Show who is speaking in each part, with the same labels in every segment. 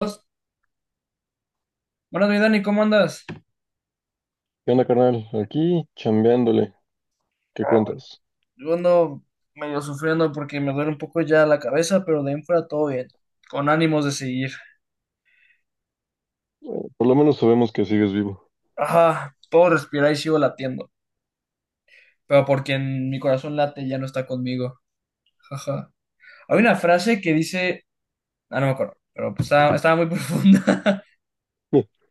Speaker 1: Buenas, mi Dani, ¿cómo andas?
Speaker 2: ¿Qué onda, carnal? Aquí chambeándole. ¿Qué cuentas?
Speaker 1: Yo ando medio sufriendo porque me duele un poco ya la cabeza, pero de ahí en fuera todo bien, con ánimos de seguir.
Speaker 2: Por lo menos sabemos que sigues vivo.
Speaker 1: Ajá, puedo respirar y sigo latiendo, pero porque en mi corazón late ya no está conmigo. Ajá. Hay una frase que dice, no me acuerdo, pero pues estaba muy profunda.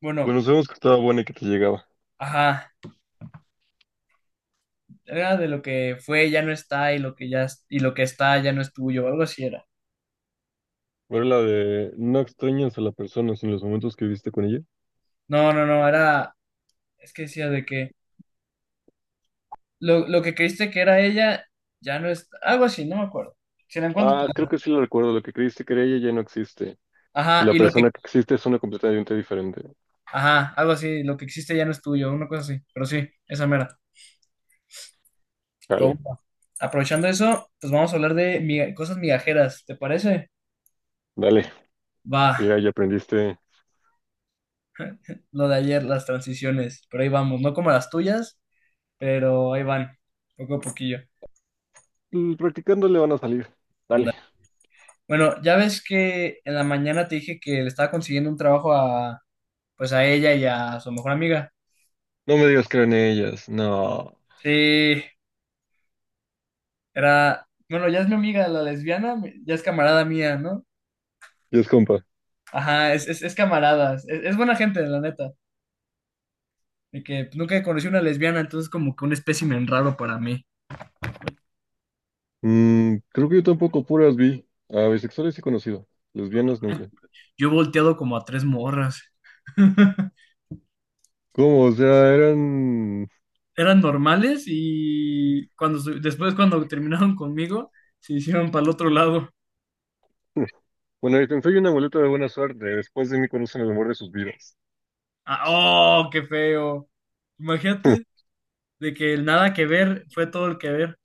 Speaker 1: Bueno,
Speaker 2: Bueno, sabemos que estaba buena y que te llegaba.
Speaker 1: ajá, era de lo que fue ya no está y lo que está ya no es tuyo, algo así era.
Speaker 2: ¿Era la de no extrañas a la persona sin los momentos que viviste con ella?
Speaker 1: No, no, no, era, es que decía de que lo que creíste que era ella ya no es, algo así, no me acuerdo. Si la encuentro, te.
Speaker 2: Ah, creo que sí lo recuerdo. Lo que creíste que era ella ya no existe. Y
Speaker 1: Ajá,
Speaker 2: la
Speaker 1: y lo que,
Speaker 2: persona que existe es una completamente diferente.
Speaker 1: ajá, algo así, lo que existe ya no es tuyo, una cosa así, pero sí, esa mera. Pero
Speaker 2: Dale,
Speaker 1: bueno, aprovechando eso, pues vamos a hablar de cosas migajeras, ¿te parece?
Speaker 2: dale.
Speaker 1: Va,
Speaker 2: Ya aprendiste.
Speaker 1: lo de ayer, las transiciones, pero ahí vamos, no como las tuyas, pero ahí van, poco a poquillo.
Speaker 2: Mm, practicándole van a salir.
Speaker 1: Anda.
Speaker 2: Dale.
Speaker 1: Bueno, ya ves que en la mañana te dije que le estaba consiguiendo un trabajo a, pues a ella y a su mejor amiga.
Speaker 2: No me digas que eran ellas. No.
Speaker 1: Sí, era, bueno, ya es mi amiga, la lesbiana, ya es camarada mía, ¿no?
Speaker 2: Y es compa.
Speaker 1: Ajá, es camarada, es buena gente, la neta. De que nunca conocí una lesbiana, entonces como que un espécimen raro para mí.
Speaker 2: Mm, creo que yo tampoco puras vi. A bisexuales sí he conocido. Lesbianas nunca.
Speaker 1: Yo he volteado como a tres morras.
Speaker 2: ¿Cómo? O sea, eran...
Speaker 1: Eran normales y después cuando terminaron conmigo, se hicieron para el otro lado.
Speaker 2: Bueno, yo soy una muleta de buena suerte. Después de mí conocen el amor de sus vidas.
Speaker 1: Ah, ¡Oh, qué feo! Imagínate de que el nada que ver fue todo el que ver.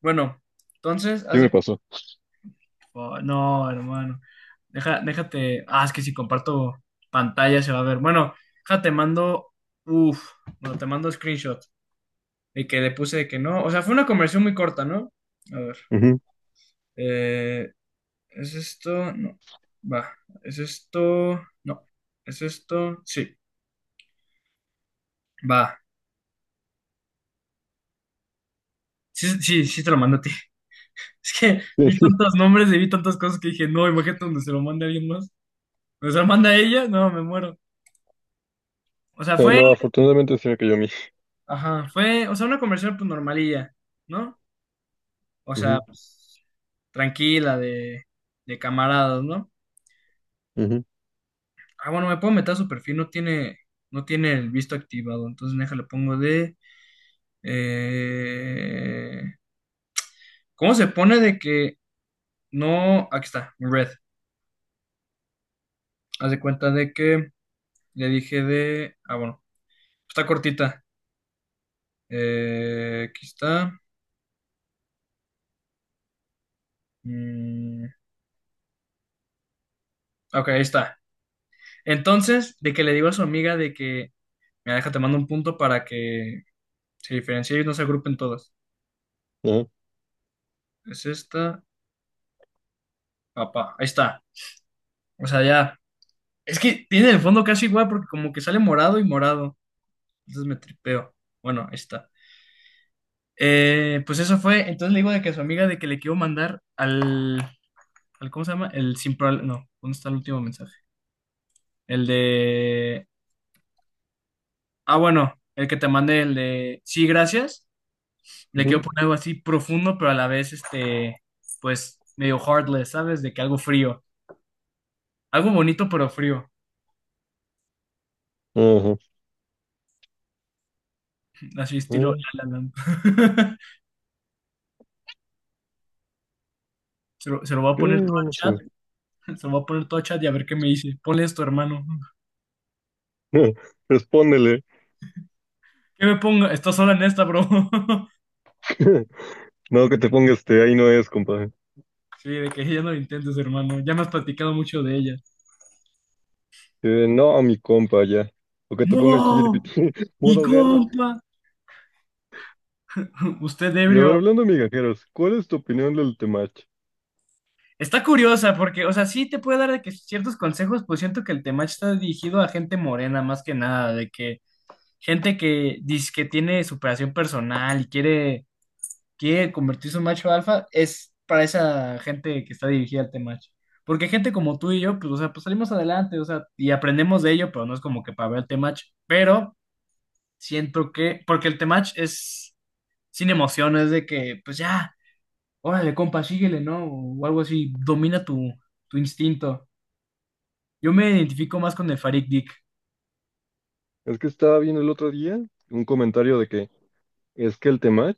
Speaker 1: Bueno, entonces,
Speaker 2: ¿Qué
Speaker 1: hace.
Speaker 2: me pasó?
Speaker 1: Oh, no, hermano. Déjate. Ah, es que si comparto pantalla se va a ver. Bueno, déjate, te mando. Uf, bueno, te mando screenshot de que le puse de que no. O sea, fue una conversión muy corta, ¿no? A ver.
Speaker 2: Ujú.
Speaker 1: eh, ¿Es esto? No. Va. ¿Es esto? No. ¿Es esto? Sí. Va. Sí, sí, sí te lo mando a ti. Es que vi tantos nombres y vi tantas cosas que dije, no, imagínate donde se lo mande a alguien más. Donde se lo manda a ella, no, me muero. O sea, fue.
Speaker 2: No, afortunadamente se me cayó a mí.
Speaker 1: Ajá, fue, o sea, una conversación pues normalilla, ¿no? O sea,
Speaker 2: Ujú,
Speaker 1: pues, tranquila, de camaradas, ¿no?
Speaker 2: ujú,
Speaker 1: Ah, bueno, me puedo meter a su perfil, no tiene el visto activado, entonces déjale, pongo de... eh, ¿Cómo se pone de que no... Aquí está, red. Haz de cuenta de que le dije de... Ah, bueno, está cortita. Aquí está. Mm, ok, ahí está. Entonces, de que le digo a su amiga de que... Mira, déjate, mando un punto para que se diferencie y no se agrupen todas.
Speaker 2: ajá,
Speaker 1: Es esta, papá. Ahí está. O sea, ya. Es que tiene el fondo casi igual porque como que sale morado y morado. Entonces me tripeo. Bueno, ahí está. Pues eso fue. Entonces le digo de que a su amiga de que le quiero mandar al, ¿cómo se llama? El sin prob- No, ¿dónde está el último mensaje? El de... Ah, bueno, el que te mandé, el de... Sí, gracias. Le
Speaker 2: ujú,
Speaker 1: quiero poner algo así profundo, pero a la vez, pues, medio heartless, ¿sabes? De que algo frío. Algo bonito pero frío,
Speaker 2: ajá.
Speaker 1: así estilo
Speaker 2: Eh,
Speaker 1: La La Land. Se lo voy a poner todo
Speaker 2: ok,
Speaker 1: a
Speaker 2: vamos a
Speaker 1: chat,
Speaker 2: ver.
Speaker 1: se lo voy a poner todo a chat y a ver qué me dice. Ponle esto, hermano.
Speaker 2: Respóndele.
Speaker 1: ¿Qué me pongo? Estás sola en esta, bro.
Speaker 2: No, que te ponga este, ahí no es, compa.
Speaker 1: Sí, de que ya no lo intentes, hermano. Ya me has platicado mucho de ella.
Speaker 2: No, a mi compa, ya. O que te ponga el
Speaker 1: ¡No!
Speaker 2: chiripitín,
Speaker 1: ¡Mi
Speaker 2: modo guerra.
Speaker 1: compa! Usted
Speaker 2: Y a
Speaker 1: ebrio.
Speaker 2: ver, hablando de migajeros, ¿cuál es tu opinión del Temach?
Speaker 1: Está curiosa porque, o sea, sí te puede dar de que ciertos consejos, pues siento que el tema está dirigido a gente morena más que nada, de que gente que dice que tiene superación personal y quiere convertirse en macho alfa, es para esa gente que está dirigida al Temach. Porque gente como tú y yo, pues, o sea, pues salimos adelante, o sea, y aprendemos de ello, pero no es como que para ver el Temach. Pero siento que, porque el Temach es sin emociones de que, pues ya, órale, compa, síguele, ¿no? O algo así, domina tu instinto. Yo me identifico más con el Farid Dick.
Speaker 2: Es que estaba viendo el otro día un comentario de que es que el Temach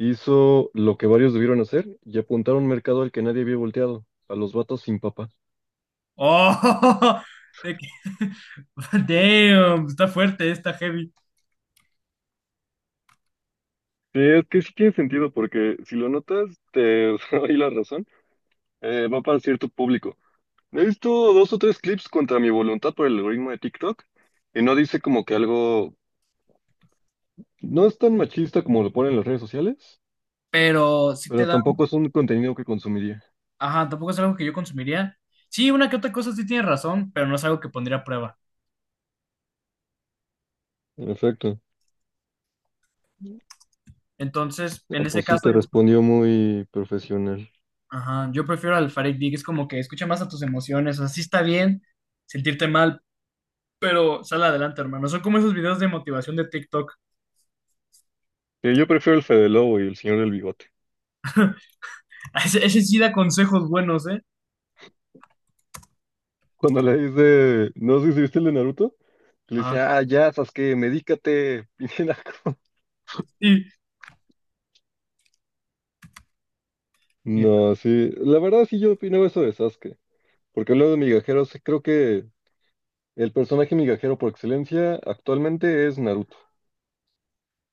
Speaker 2: hizo lo que varios debieron hacer y apuntar a un mercado al que nadie había volteado, a los vatos sin papá.
Speaker 1: ¡Oh! De que, damn, está fuerte, está heavy.
Speaker 2: Sí, es que sí tiene sentido, porque si lo notas, te doy la razón, va para cierto público. He visto dos o tres clips contra mi voluntad por el algoritmo de TikTok, y no dice como que algo... No es tan machista como lo ponen las redes sociales,
Speaker 1: Pero sí te
Speaker 2: pero
Speaker 1: da.
Speaker 2: tampoco es un contenido que consumiría.
Speaker 1: Ajá, tampoco es algo que yo consumiría. Sí, una que otra cosa sí tiene razón, pero no es algo que pondría a prueba.
Speaker 2: En efecto.
Speaker 1: Entonces,
Speaker 2: Ah,
Speaker 1: en ese
Speaker 2: pues sí,
Speaker 1: caso,
Speaker 2: te
Speaker 1: yo,
Speaker 2: respondió muy profesional.
Speaker 1: ajá, yo prefiero al Farid Dig, es como que escucha más a tus emociones, o sea, sí está bien sentirte mal, pero sal adelante, hermano. Son como esos videos de motivación de TikTok.
Speaker 2: Que yo prefiero el Fede Lobo y el señor del bigote.
Speaker 1: Ese sí da consejos buenos, ¿eh?
Speaker 2: Cuando le dice, no sé si viste el de Naruto, que le dice,
Speaker 1: Ajá.
Speaker 2: ah, ya, Sasuke, medícate. Piñinaco.
Speaker 1: Y, y-
Speaker 2: No, sí, la verdad sí yo opino eso de Sasuke, porque hablando de migajeros, sí creo que el personaje migajero por excelencia actualmente es Naruto.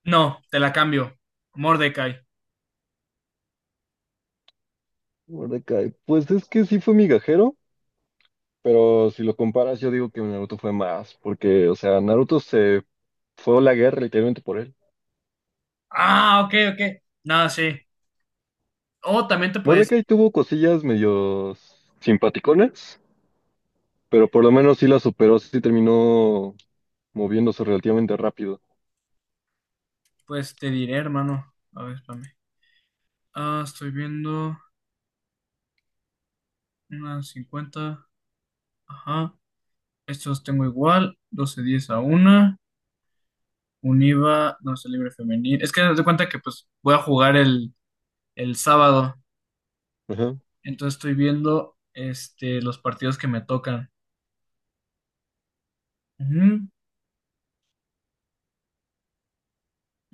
Speaker 1: no, te la cambio. Mordecai.
Speaker 2: Mordecai, pues es que sí fue migajero, pero si lo comparas yo digo que Naruto fue más, porque, o sea, Naruto se fue a la guerra literalmente por él.
Speaker 1: Ah, ok, ok. Nada, sí. O también te puedes decir,
Speaker 2: Mordecai tuvo cosillas medio simpaticonas, pero por lo menos sí la superó, sí terminó moviéndose relativamente rápido.
Speaker 1: pues te diré, hermano. A ver, espérame. Ah, estoy viendo unas 50. Ajá. Estos tengo igual. 12:10 a una Univa, sé, libre femenil. Es que haz de cuenta que pues voy a jugar el sábado.
Speaker 2: Ajá.
Speaker 1: Entonces estoy viendo los partidos que me tocan. Ujú.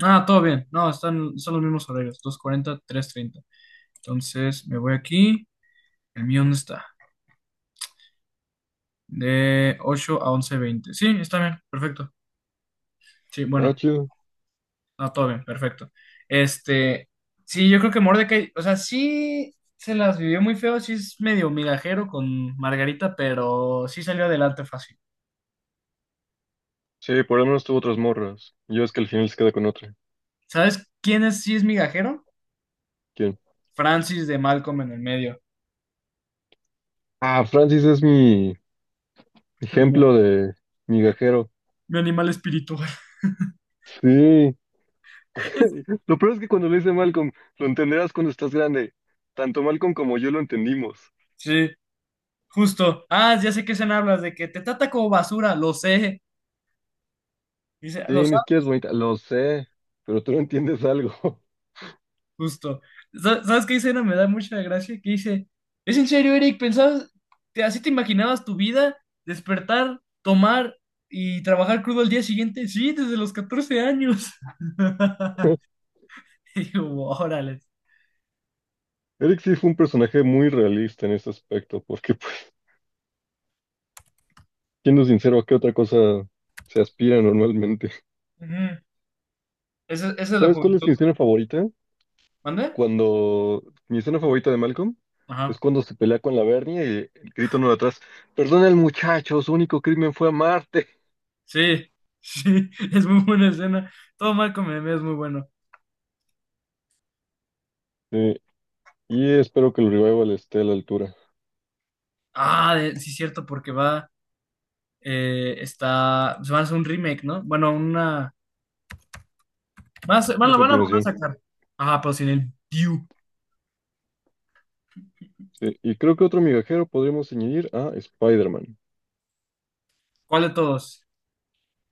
Speaker 1: Ah, todo bien. No, son los mismos horarios. 2:40, 3:30. Entonces me voy aquí. ¿El mío dónde está? De 8 a 11:20. Sí, está bien. Perfecto. Sí,
Speaker 2: Ah,
Speaker 1: bueno.
Speaker 2: chido.
Speaker 1: No, todo bien, perfecto. Este, sí, yo creo que Mordecai, o sea, sí se las vivió muy feo, sí es medio migajero con Margarita, pero sí salió adelante fácil.
Speaker 2: Sí, por lo menos tuvo otras morras. Yo es que al final se queda con otra.
Speaker 1: ¿Sabes quién es, sí es migajero?
Speaker 2: ¿Quién?
Speaker 1: Francis de Malcolm en el medio.
Speaker 2: Ah, Francis es mi ejemplo de migajero.
Speaker 1: Mi animal espiritual.
Speaker 2: Sí. Lo peor es que cuando lo dice Malcolm, lo entenderás cuando estás grande. Tanto Malcolm como yo lo entendimos.
Speaker 1: Sí, justo. Ah, ya sé que se hablas de que te trata como basura, lo sé. Dice, lo
Speaker 2: Sí, ni
Speaker 1: sabes.
Speaker 2: siquiera es bonita. Lo sé, pero tú no entiendes algo.
Speaker 1: Justo. ¿Sabes qué escena me da mucha gracia? Que dice, ¿es en serio, Eric? ¿Pensabas, así te imaginabas tu vida? ¿Despertar, tomar y trabajar crudo al día siguiente? Sí, desde los 14 años. Y digo, órale.
Speaker 2: Eric sí fue un personaje muy realista en ese aspecto, porque, pues, siendo sincero, ¿a qué otra cosa se aspira normalmente?
Speaker 1: Ujú. Esa es la
Speaker 2: ¿Sabes cuál es
Speaker 1: juventud.
Speaker 2: mi escena favorita?
Speaker 1: ¿Mande?
Speaker 2: Cuando mi escena favorita de Malcolm es
Speaker 1: Ajá.
Speaker 2: cuando se pelea con la Bernie y el grito no de atrás, perdona el muchacho, su único crimen fue amarte.
Speaker 1: Sí, sí, es muy buena escena. Todo mal con Meme es muy bueno.
Speaker 2: Sí, y espero que el revival esté a la altura.
Speaker 1: Ah, sí, cierto, porque va, se van a hacer un remake, ¿no? Bueno, una Van a, ser- van,
Speaker 2: A
Speaker 1: a van a volver a
Speaker 2: continuación.
Speaker 1: sacar. Ajá, pero sin el view.
Speaker 2: Sí, y creo que otro migajero podríamos añadir a Spider-Man,
Speaker 1: ¿Cuál de todos?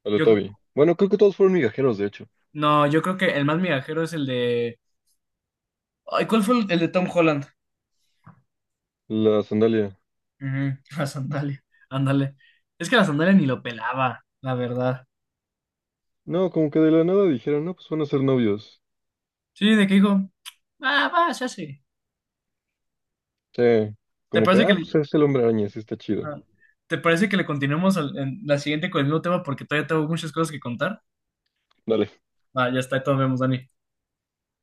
Speaker 2: al de
Speaker 1: Yo,
Speaker 2: Toby. Bueno, creo que todos fueron migajeros, de hecho.
Speaker 1: no, yo creo que el más migajero es el de. Ay, ¿cuál fue el de Tom Holland?
Speaker 2: La sandalia.
Speaker 1: Ujú, la sandalia. Ándale. Es que la sandalia ni lo pelaba, la verdad.
Speaker 2: No, como que de la nada dijeron, no, pues van a ser novios.
Speaker 1: Sí, de que dijo, va, se hace.
Speaker 2: Sí,
Speaker 1: ¿Te
Speaker 2: como que,
Speaker 1: parece que
Speaker 2: ah,
Speaker 1: le,
Speaker 2: pues es el hombre araña, sí está chido.
Speaker 1: ajá. ¿Te parece que le continuemos en la siguiente con el nuevo tema? Porque todavía tengo muchas cosas que contar.
Speaker 2: Dale.
Speaker 1: Ah, ya está, ahí todos vemos, Dani.